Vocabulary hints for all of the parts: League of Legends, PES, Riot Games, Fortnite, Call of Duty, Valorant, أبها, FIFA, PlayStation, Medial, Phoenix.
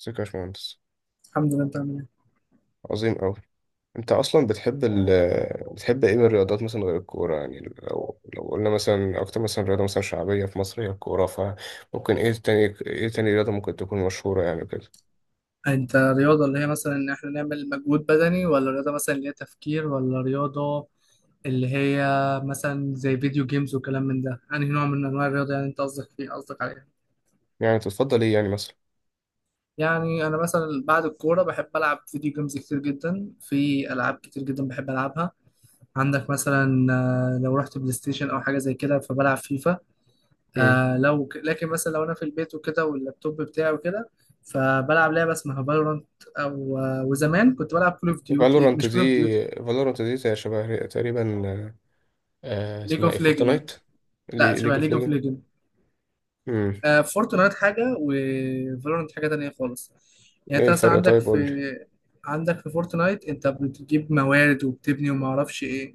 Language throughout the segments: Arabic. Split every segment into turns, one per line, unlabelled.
ازيك يا باشمهندس؟
الحمد لله، انت عامل ايه؟
عظيم أوي. أنت أصلا بتحب إيه من الرياضات مثلا غير الكورة؟ يعني لو قلنا مثلا أكتر مثلا رياضة مثلا شعبية في مصر هي الكورة، فممكن إيه تاني؟ إيه تاني رياضة ممكن تكون مشهورة يعني كده؟
انت رياضة اللي هي مثلا ان احنا نعمل مجهود بدني، ولا رياضة مثلا اللي هي تفكير، ولا رياضة اللي هي مثلا زي فيديو جيمز وكلام من ده؟ يعني نوع من انواع الرياضة يعني انت قصدك فيه، قصدك عليها؟
يعني تفضل إيه يعني مثلا؟
يعني انا مثلا بعد الكورة بحب العب فيديو جيمز كتير جدا، في العاب كتير جدا بحب العبها. عندك مثلا آه، لو رحت بلاي ستيشن او حاجة زي كده فبلعب فيفا.
مم.
آه لكن مثلا لو انا في البيت وكده واللابتوب بتاعي وكده فبلعب لعبه اسمها فالورانت. او آه، وزمان كنت بلعب كول اوف ديوتي،
فالورانت
مش
دي
كول اوف ديوتي،
فالورانت دي زي شبه تقريبا.
ليج
اسمها إيه؟
اوف ليجند.
فورتنايت؟
لا،
ليج
شبه
اوف
ليج اوف
ليجا.
ليجند.
مم.
آه، فورتنايت حاجه وفالورانت حاجه تانية خالص. يعني
إيه
انت مثلا
الفرق؟
عندك
طيب
في
قول لي.
عندك في فورتنايت انت بتجيب موارد وبتبني وما اعرفش ايه.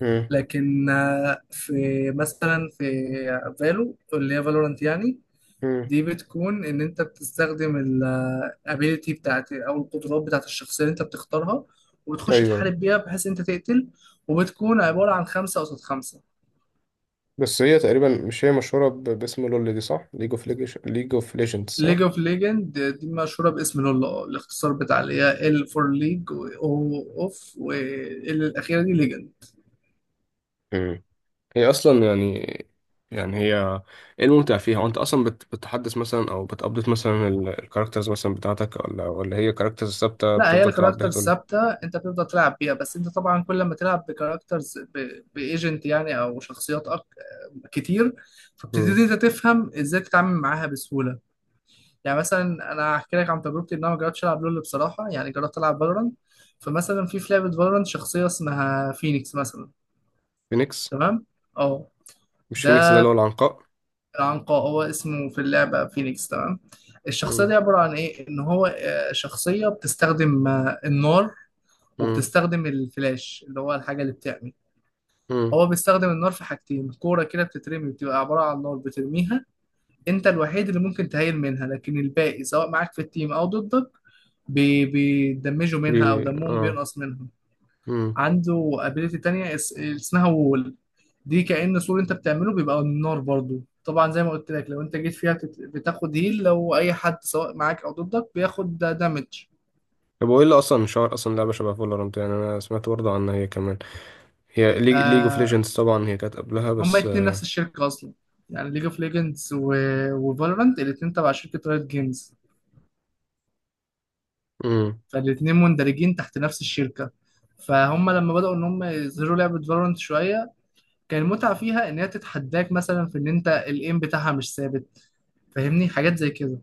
مم.
لكن آه، في مثلا في فالو اللي هي فالورانت يعني،
مم.
دي بتكون ان انت بتستخدم الابيليتي بتاعت او القدرات بتاعت الشخصيه اللي انت بتختارها، وبتخش
أيوه.
تحارب بيها بحيث انت تقتل، وبتكون عباره عن خمسه قصاد خمسه.
بس هي تقريبا، مش هي مشهورة باسم لول دي، صح؟ ليج اوف ليجندز، صح؟
ليج اوف ليجند دي مشهوره باسم لول، اه الاختصار بتاع اللي هي ال فور ليج او اوف وال الاخيره دي ليجند.
مم. هي اصلا يعني هي، ايه الممتع فيها؟ وانت اصلا بتحدث مثلا او بتابديت مثلا الكاركترز مثلا بتاعتك، ولا هي كاركترز ثابته
لا هي
بتفضل تلعب بيها؟
الكاركتر
تقول لك.
ثابته انت بتفضل تلعب بيها، بس انت طبعا كل ما تلعب بكاركترز بايجنت يعني او شخصيات كتير،
مم.
فبتبتدي انت تفهم ازاي تتعامل معاها بسهوله. يعني مثلا انا هحكي لك عن تجربتي، ان انا ما جربتش العب لول بصراحه، يعني جربت العب فالورانت. فمثلا في لعبه فالورانت شخصيه اسمها فينيكس مثلا.
فينيكس.
تمام، اه،
مش فينيكس ده اللي
ده
هو العنقاء؟
العنقاء هو اسمه في اللعبه فينيكس، تمام. الشخصيه
مم.
دي عباره عن ايه؟ ان هو آه، شخصيه بتستخدم آه، النار،
مم.
وبتستخدم الفلاش اللي هو الحاجه اللي بتعمل.
مم.
هو بيستخدم النار في حاجتين: كوره كده بتترمي بتبقى عباره عن نار بترميها، انت الوحيد اللي ممكن تهيل منها لكن الباقي سواء معاك في التيم او ضدك بيدمجوا
بي
منها او دمهم
اه.
بينقص منهم.
مم.
عنده ابيليتي تانية اسمها وول. دي كأن سور انت بتعمله بيبقى نار برضو، طبعا زي ما قلت لك لو انت جيت فيها بتاخد هيل، لو اي حد سواء معاك او ضدك بياخد دامج.
طب وايه اللي اصلا شهر اصلا لعبه شبه فالورانت؟ يعني انا سمعت برضه عنها هي كمان. هي ليج اوف
آه
ليجندز طبعا هي كانت قبلها،
هما
بس
اتنين
آه،
نفس الشركة اصلا، يعني ليج اوف ليجندز وفالورانت الاتنين تبع شركة رايت جيمز،
مم.
فالاتنين مندرجين تحت نفس الشركة. فهم لما بدأوا ان هم يظهروا لعبة فالورانت شوية، كان المتعة فيها إن هي تتحداك مثلا في إن أنت الإيم بتاعها مش ثابت، فاهمني حاجات زي كده،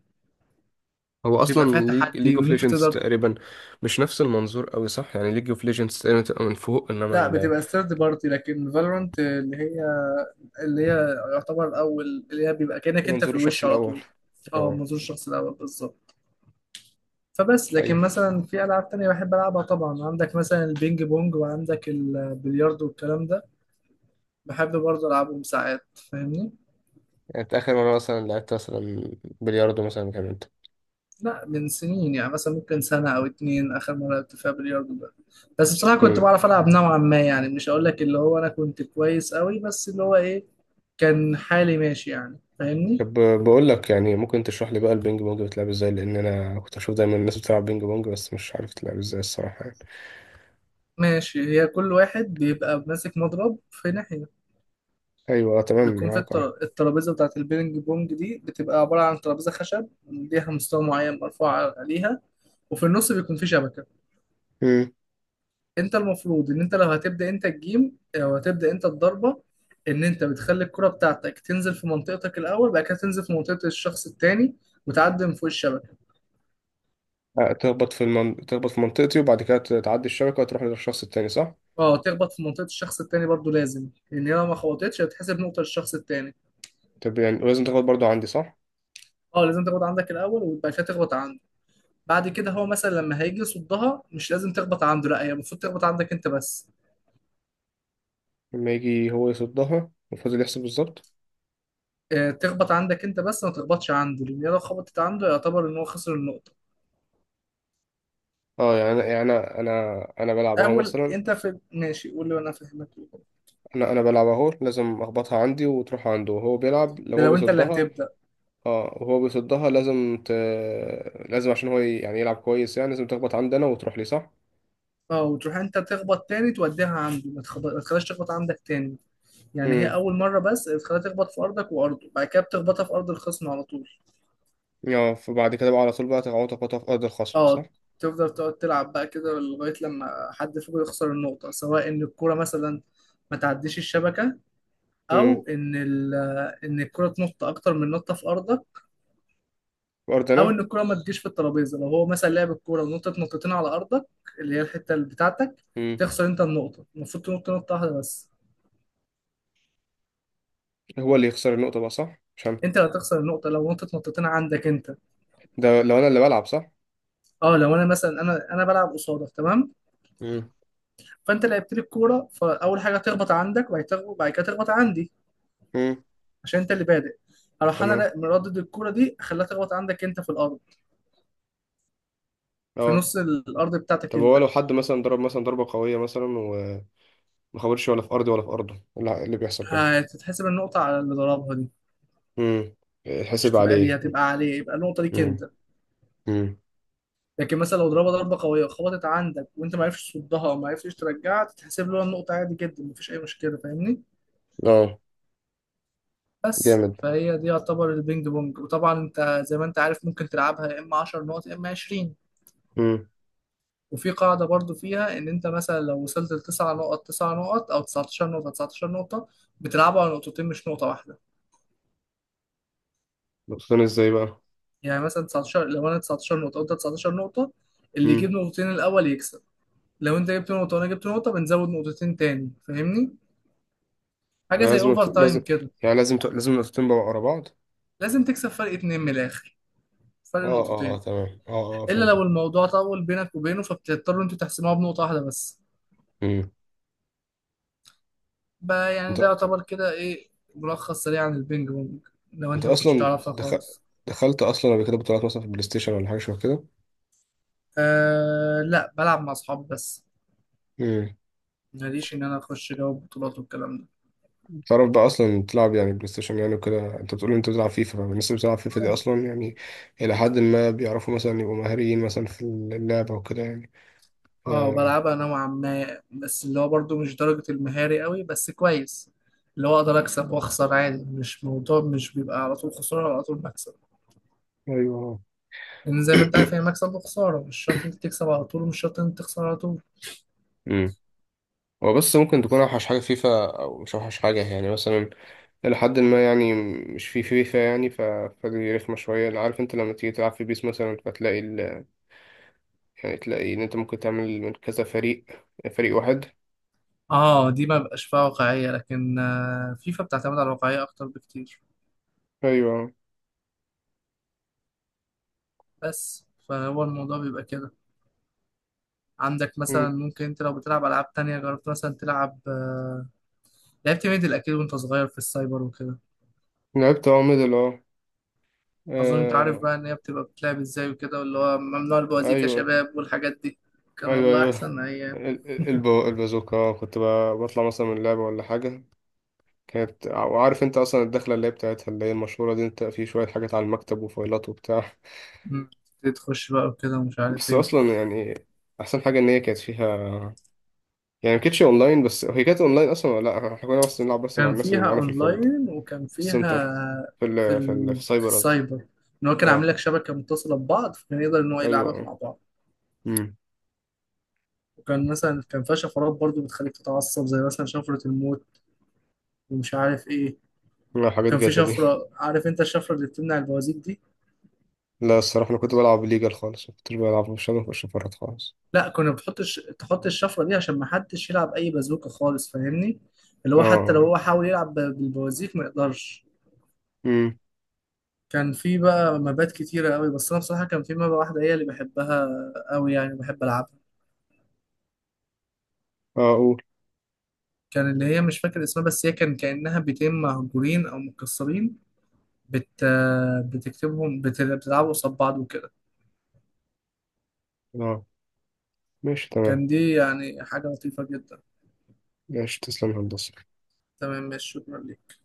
هو
بيبقى فيها
اصلا ليج
تحدي
اوف
وإن أنت
ليجندز
تقدر.
تقريبا مش نفس المنظور قوي، صح؟ يعني ليج اوف ليجندز تقريبا تبقى من فوق انما
لا، بتبقى ثيرد بارتي، لكن فالورانت اللي هي اللي هي يعتبر أول، اللي هي بيبقى كأنك أنت في
المنظور الشخص
الوش على
الاول.
طول. أه،
اه.
منظور الشخص الأول بالظبط. فبس لكن
ايوه،
مثلا في ألعاب تانية بحب ألعبها، طبعا عندك مثلا البينج بونج وعندك البلياردو والكلام ده، بحب برضه ألعبهم ساعات فاهمني.
يعني أنت اخر مره مثلا لعبت مثلا بلياردو مثلا كان انت؟
لا من سنين، يعني مثلا ممكن سنة أو اتنين آخر مرة لعبت فيها بلياردو ده، بس بصراحة كنت
امم.
بعرف ألعب نوعا ما، يعني مش هقول لك اللي هو أنا كنت كويس أوي، بس اللي هو إيه، كان حالي ماشي يعني، فاهمني؟
طب بقول لك، يعني ممكن تشرح لي بقى البينج بونج بتلعب ازاي؟ لان انا كنت اشوف دايما الناس بتلعب بينج بونج بس مش عارف تلعب ازاي الصراحه يعني.
ماشي. هي كل واحد بيبقى ماسك مضرب في ناحية.
ايوه، تمام
بيكون في
معاك اه
الترابيزة بتاعة البينج بونج دي بتبقى عبارة عن ترابيزة خشب ليها مستوى معين مرفوع عليها، وفي النص بيكون في شبكة.
امم.
انت المفروض ان انت لو هتبدا انت الجيم او هتبدا انت الضربه، ان انت بتخلي الكره بتاعتك تنزل في منطقتك الاول، بعد كده تنزل في منطقه الشخص التاني وتعدي من فوق الشبكه.
تخبط في منطقتي وبعد كده تعدي الشبكه وتروح للشخص التاني، صح؟
اه تخبط في منطقه الشخص التاني برضو لازم، لان هي لو ما خبطتش هتحسب نقطه للشخص التاني.
طب يعني، ولازم تخبط برضو عندي، صح؟
اه لازم تخبط عندك الاول وبعد كده تخبط عنده. بعد كده هو مثلا لما هيجي يصدها مش لازم تخبط عنده، لا هي المفروض تخبط عندك انت بس.
لما يجي هو يصدها وفضل يحسب بالظبط.
آه، تخبط عندك انت بس، ما تخبطش عنده، لان هي لو خبطت عنده يعتبر ان هو خسر النقطه.
اه، يعني انا بلعب اهو
اول
مثلا.
انت في ماشي قول لي وانا فاهمك.
انا بلعب اهو، لازم اخبطها عندي وتروح عنده، وهو بيلعب لو
ده
هو
لو انت اللي
بيصدها.
هتبدا.
اه، وهو بيصدها لازم لازم، عشان هو يعني يلعب كويس، يعني لازم تخبط عندي انا وتروح لي، صح؟
اه وتروح انت تخبط تاني توديها عنده، ما تخليهاش تخبط عندك تاني. يعني هي
امم.
اول مره بس تخليها تخبط في ارضك وارضه، بعد كده بتخبطها في ارض الخصم على طول.
اه، فبعد كده بقى على طول بقى تقعد تخبطها في ارض الخصم، صح؟
اه، تفضل تقعد تلعب بقى كده لغايه لما حد فيكم يخسر النقطه، سواء ان الكوره مثلا ما تعديش الشبكه،
امم.
او ان ال... ان الكوره تنط اكتر من نطه في ارضك،
في ارض
او
انا.
ان الكوره ما تجيش في الترابيزه. لو هو مثلا لعب الكوره ونطت نطتين على ارضك، اللي هي الحته اللي بتاعتك،
امم.
تخسر انت النقطه، المفروض تنط نطه واحده بس.
هو اللي يخسر النقطة بقى صح، عشان
انت اللي هتخسر النقطه لو نطت نقطتين عندك انت.
ده لو انا اللي بلعب، صح؟
اه لو انا مثلا انا بلعب قصادك، تمام،
امم.
فانت لعبت لي الكوره، فاول حاجه تخبط عندك وبعد كده وبعد كده تخبط عندي،
امم.
عشان انت اللي بادئ. اروح انا
تمام
مردد الكوره دي اخليها تخبط عندك انت في الارض، في
اه.
نص الارض بتاعتك
طب هو
انت.
لو حد مثلا ضرب مثلا ضربة قوية مثلا ما خبرش، ولا في ارضي ولا في ارضه، اللي بيحصل كده؟
هتتحسب النقطه على اللي ضربها دي،
امم.
مش
حسب
تبقى ليه،
عليه.
هتبقى عليه، يبقى النقطه ليك انت.
امم. امم.
لكن مثلا لو ضربها ضربه قويه خبطت عندك وانت ما عرفتش تصدها او ما عرفتش ترجعها، تتحسب له النقطه عادي جدا، مفيش اي مشكله، فاهمني.
اه.
بس
جامد.
فهي دي يعتبر البينج بونج. وطبعا انت زي ما انت عارف ممكن تلعبها يا اما 10 نقط يا اما 20.
امم.
وفي قاعدة برضو فيها ان انت مثلا لو وصلت لتسع نقط، تسع نقط او 19 نقطة، 19 نقطة، بتلعبوا على نقطتين مش نقطة واحدة.
نقطتين ازاي بقى؟
يعني مثلا 19، لو انا 19 نقطة وانت 19 نقطة، اللي
امم.
يجيب نقطتين الاول يكسب. لو انت جبت نقطة وانا جبت نقطة، بنزود نقطتين تاني فاهمني، حاجة زي
لازم
اوفر
لازم،
تايم كده.
يعني لازم لازم نقطتين بقى ورا بعض.
لازم تكسب فرق اتنين من الاخر، فرق
اه اه اه،
نقطتين.
تمام اه اه،
الا
فهمتك.
لو الموضوع طول بينك وبينه، فبتضطروا انتوا تحسموها بنقطة واحدة بس.
امم.
بقى يعني
انت
ده يعتبر كده ايه، ملخص سريع عن البينج بونج، لو
انت
انت ما كنتش
اصلا
تعرفها خالص.
دخلت اصلا قبل كده بطولات مثلا في البلاي ستيشن ولا حاجه شبه كده؟
آه لا، بلعب مع اصحاب بس،
امم.
ماليش ان انا اخش جو بطولات والكلام ده.
تعرف بقى اصلا تلعب يعني بلاي ستيشن يعني وكده، انت بتقول انت بتلعب فيفا، فالناس اللي بتلعب فيفا دي
اه
اصلا يعني الى حد ما بيعرفوا مثلا يبقوا مهاريين مثلا في اللعبه وكده يعني؟
آه،
آه.
بلعبها نوعا ما، بس اللي هو برضو مش درجة المهاري قوي بس كويس، اللي هو اقدر اكسب واخسر عادي، مش موضوع مش بيبقى على طول خسارة وعلى طول مكسب،
ايوه.
لان زي ما انت عارف هي مكسب وخسارة، مش شرط انت تكسب على طول ومش شرط انت تخسر على طول.
امم. هو بس ممكن تكون اوحش حاجه فيفا او مش اوحش حاجه يعني مثلا، الى حد ما يعني، مش في فيفا يعني فدي رخمه شويه. عارف انت لما تيجي تلعب في بيس مثلا فتلاقي يعني تلاقي ان انت ممكن تعمل من كذا فريق، فريق واحد.
اه دي ما بقاش فيها واقعية، لكن آه، فيفا بتعتمد على الواقعية اكتر بكتير.
ايوه.
بس فهو الموضوع بيبقى كده. عندك مثلا
امم.
ممكن انت لو بتلعب العاب تانية جربت مثلا تلعب، لعبت ميدل اكيد وانت صغير في السايبر وكده.
لعبت ميدل اه
اظن انت عارف
آه.
بقى ان هي بتبقى بتلعب ازاي وكده، واللي هو ممنوع البوازيك يا
ايوه
شباب والحاجات دي. كان
ايوه
والله
ايوه.
احسن ايام.
البازوكا، كنت بطلع مثلا من اللعبه ولا حاجه. كانت، وعارف انت اصلا الدخله اللي هي بتاعتها اللي هي المشهوره دي، انت في شويه حاجات على المكتب وفايلات وبتاع.
مم. تخش بقى وكده ومش عارف
بس
ايه.
اصلا يعني، احسن حاجه ان هي كانت فيها، يعني ما كانتش اونلاين بس، هي كانت اونلاين اصلا ولا لا؟ احنا كنا بس بنلعب بس مع
كان
الناس اللي
فيها
معانا في الفيلد، في
اونلاين، وكان فيها
السنتر، في
في
السايبر قصدي.
السايبر، ان هو كان عامل
اه.
لك شبكة متصلة ببعض، فكان يقدر ان هو يلعبك
ايوه.
مع بعض.
امم.
وكان مثلا كان فيها شفرات برضو بتخليك تتعصب، زي مثلا شفرة الموت ومش عارف ايه.
لا حاجات
كان في
جاتا دي.
شفرة، عارف انت الشفرة اللي بتمنع البوازيك دي،
لا الصراحه، انا كنت بلعب ليجل خالص ما كنتش بلعب، مش انا مش فرات خالص.
لا كنا بتحط تحط الشفرة دي عشان ما حدش يلعب اي بازوكة خالص، فاهمني، اللي هو حتى
اه.
لو هو حاول يلعب بالبوازيك ما يقدرش.
امم.
كان في بقى مبات كتيرة قوي، بس انا بصراحة كان في مبة واحدة هي اللي بحبها قوي يعني، بحب العبها.
اه قول.
كان اللي هي مش فاكر اسمها، بس هي كان كأنها بيتين مهجورين او متكسرين، بت... بتكتبهم، بتلعبوا قصاد بعض وكده.
اه ماشي تمام.
كان دي يعني حاجة لطيفة جدا.
ماشي تسلم يا هندسه.
تمام ماشي، شكرا ليك.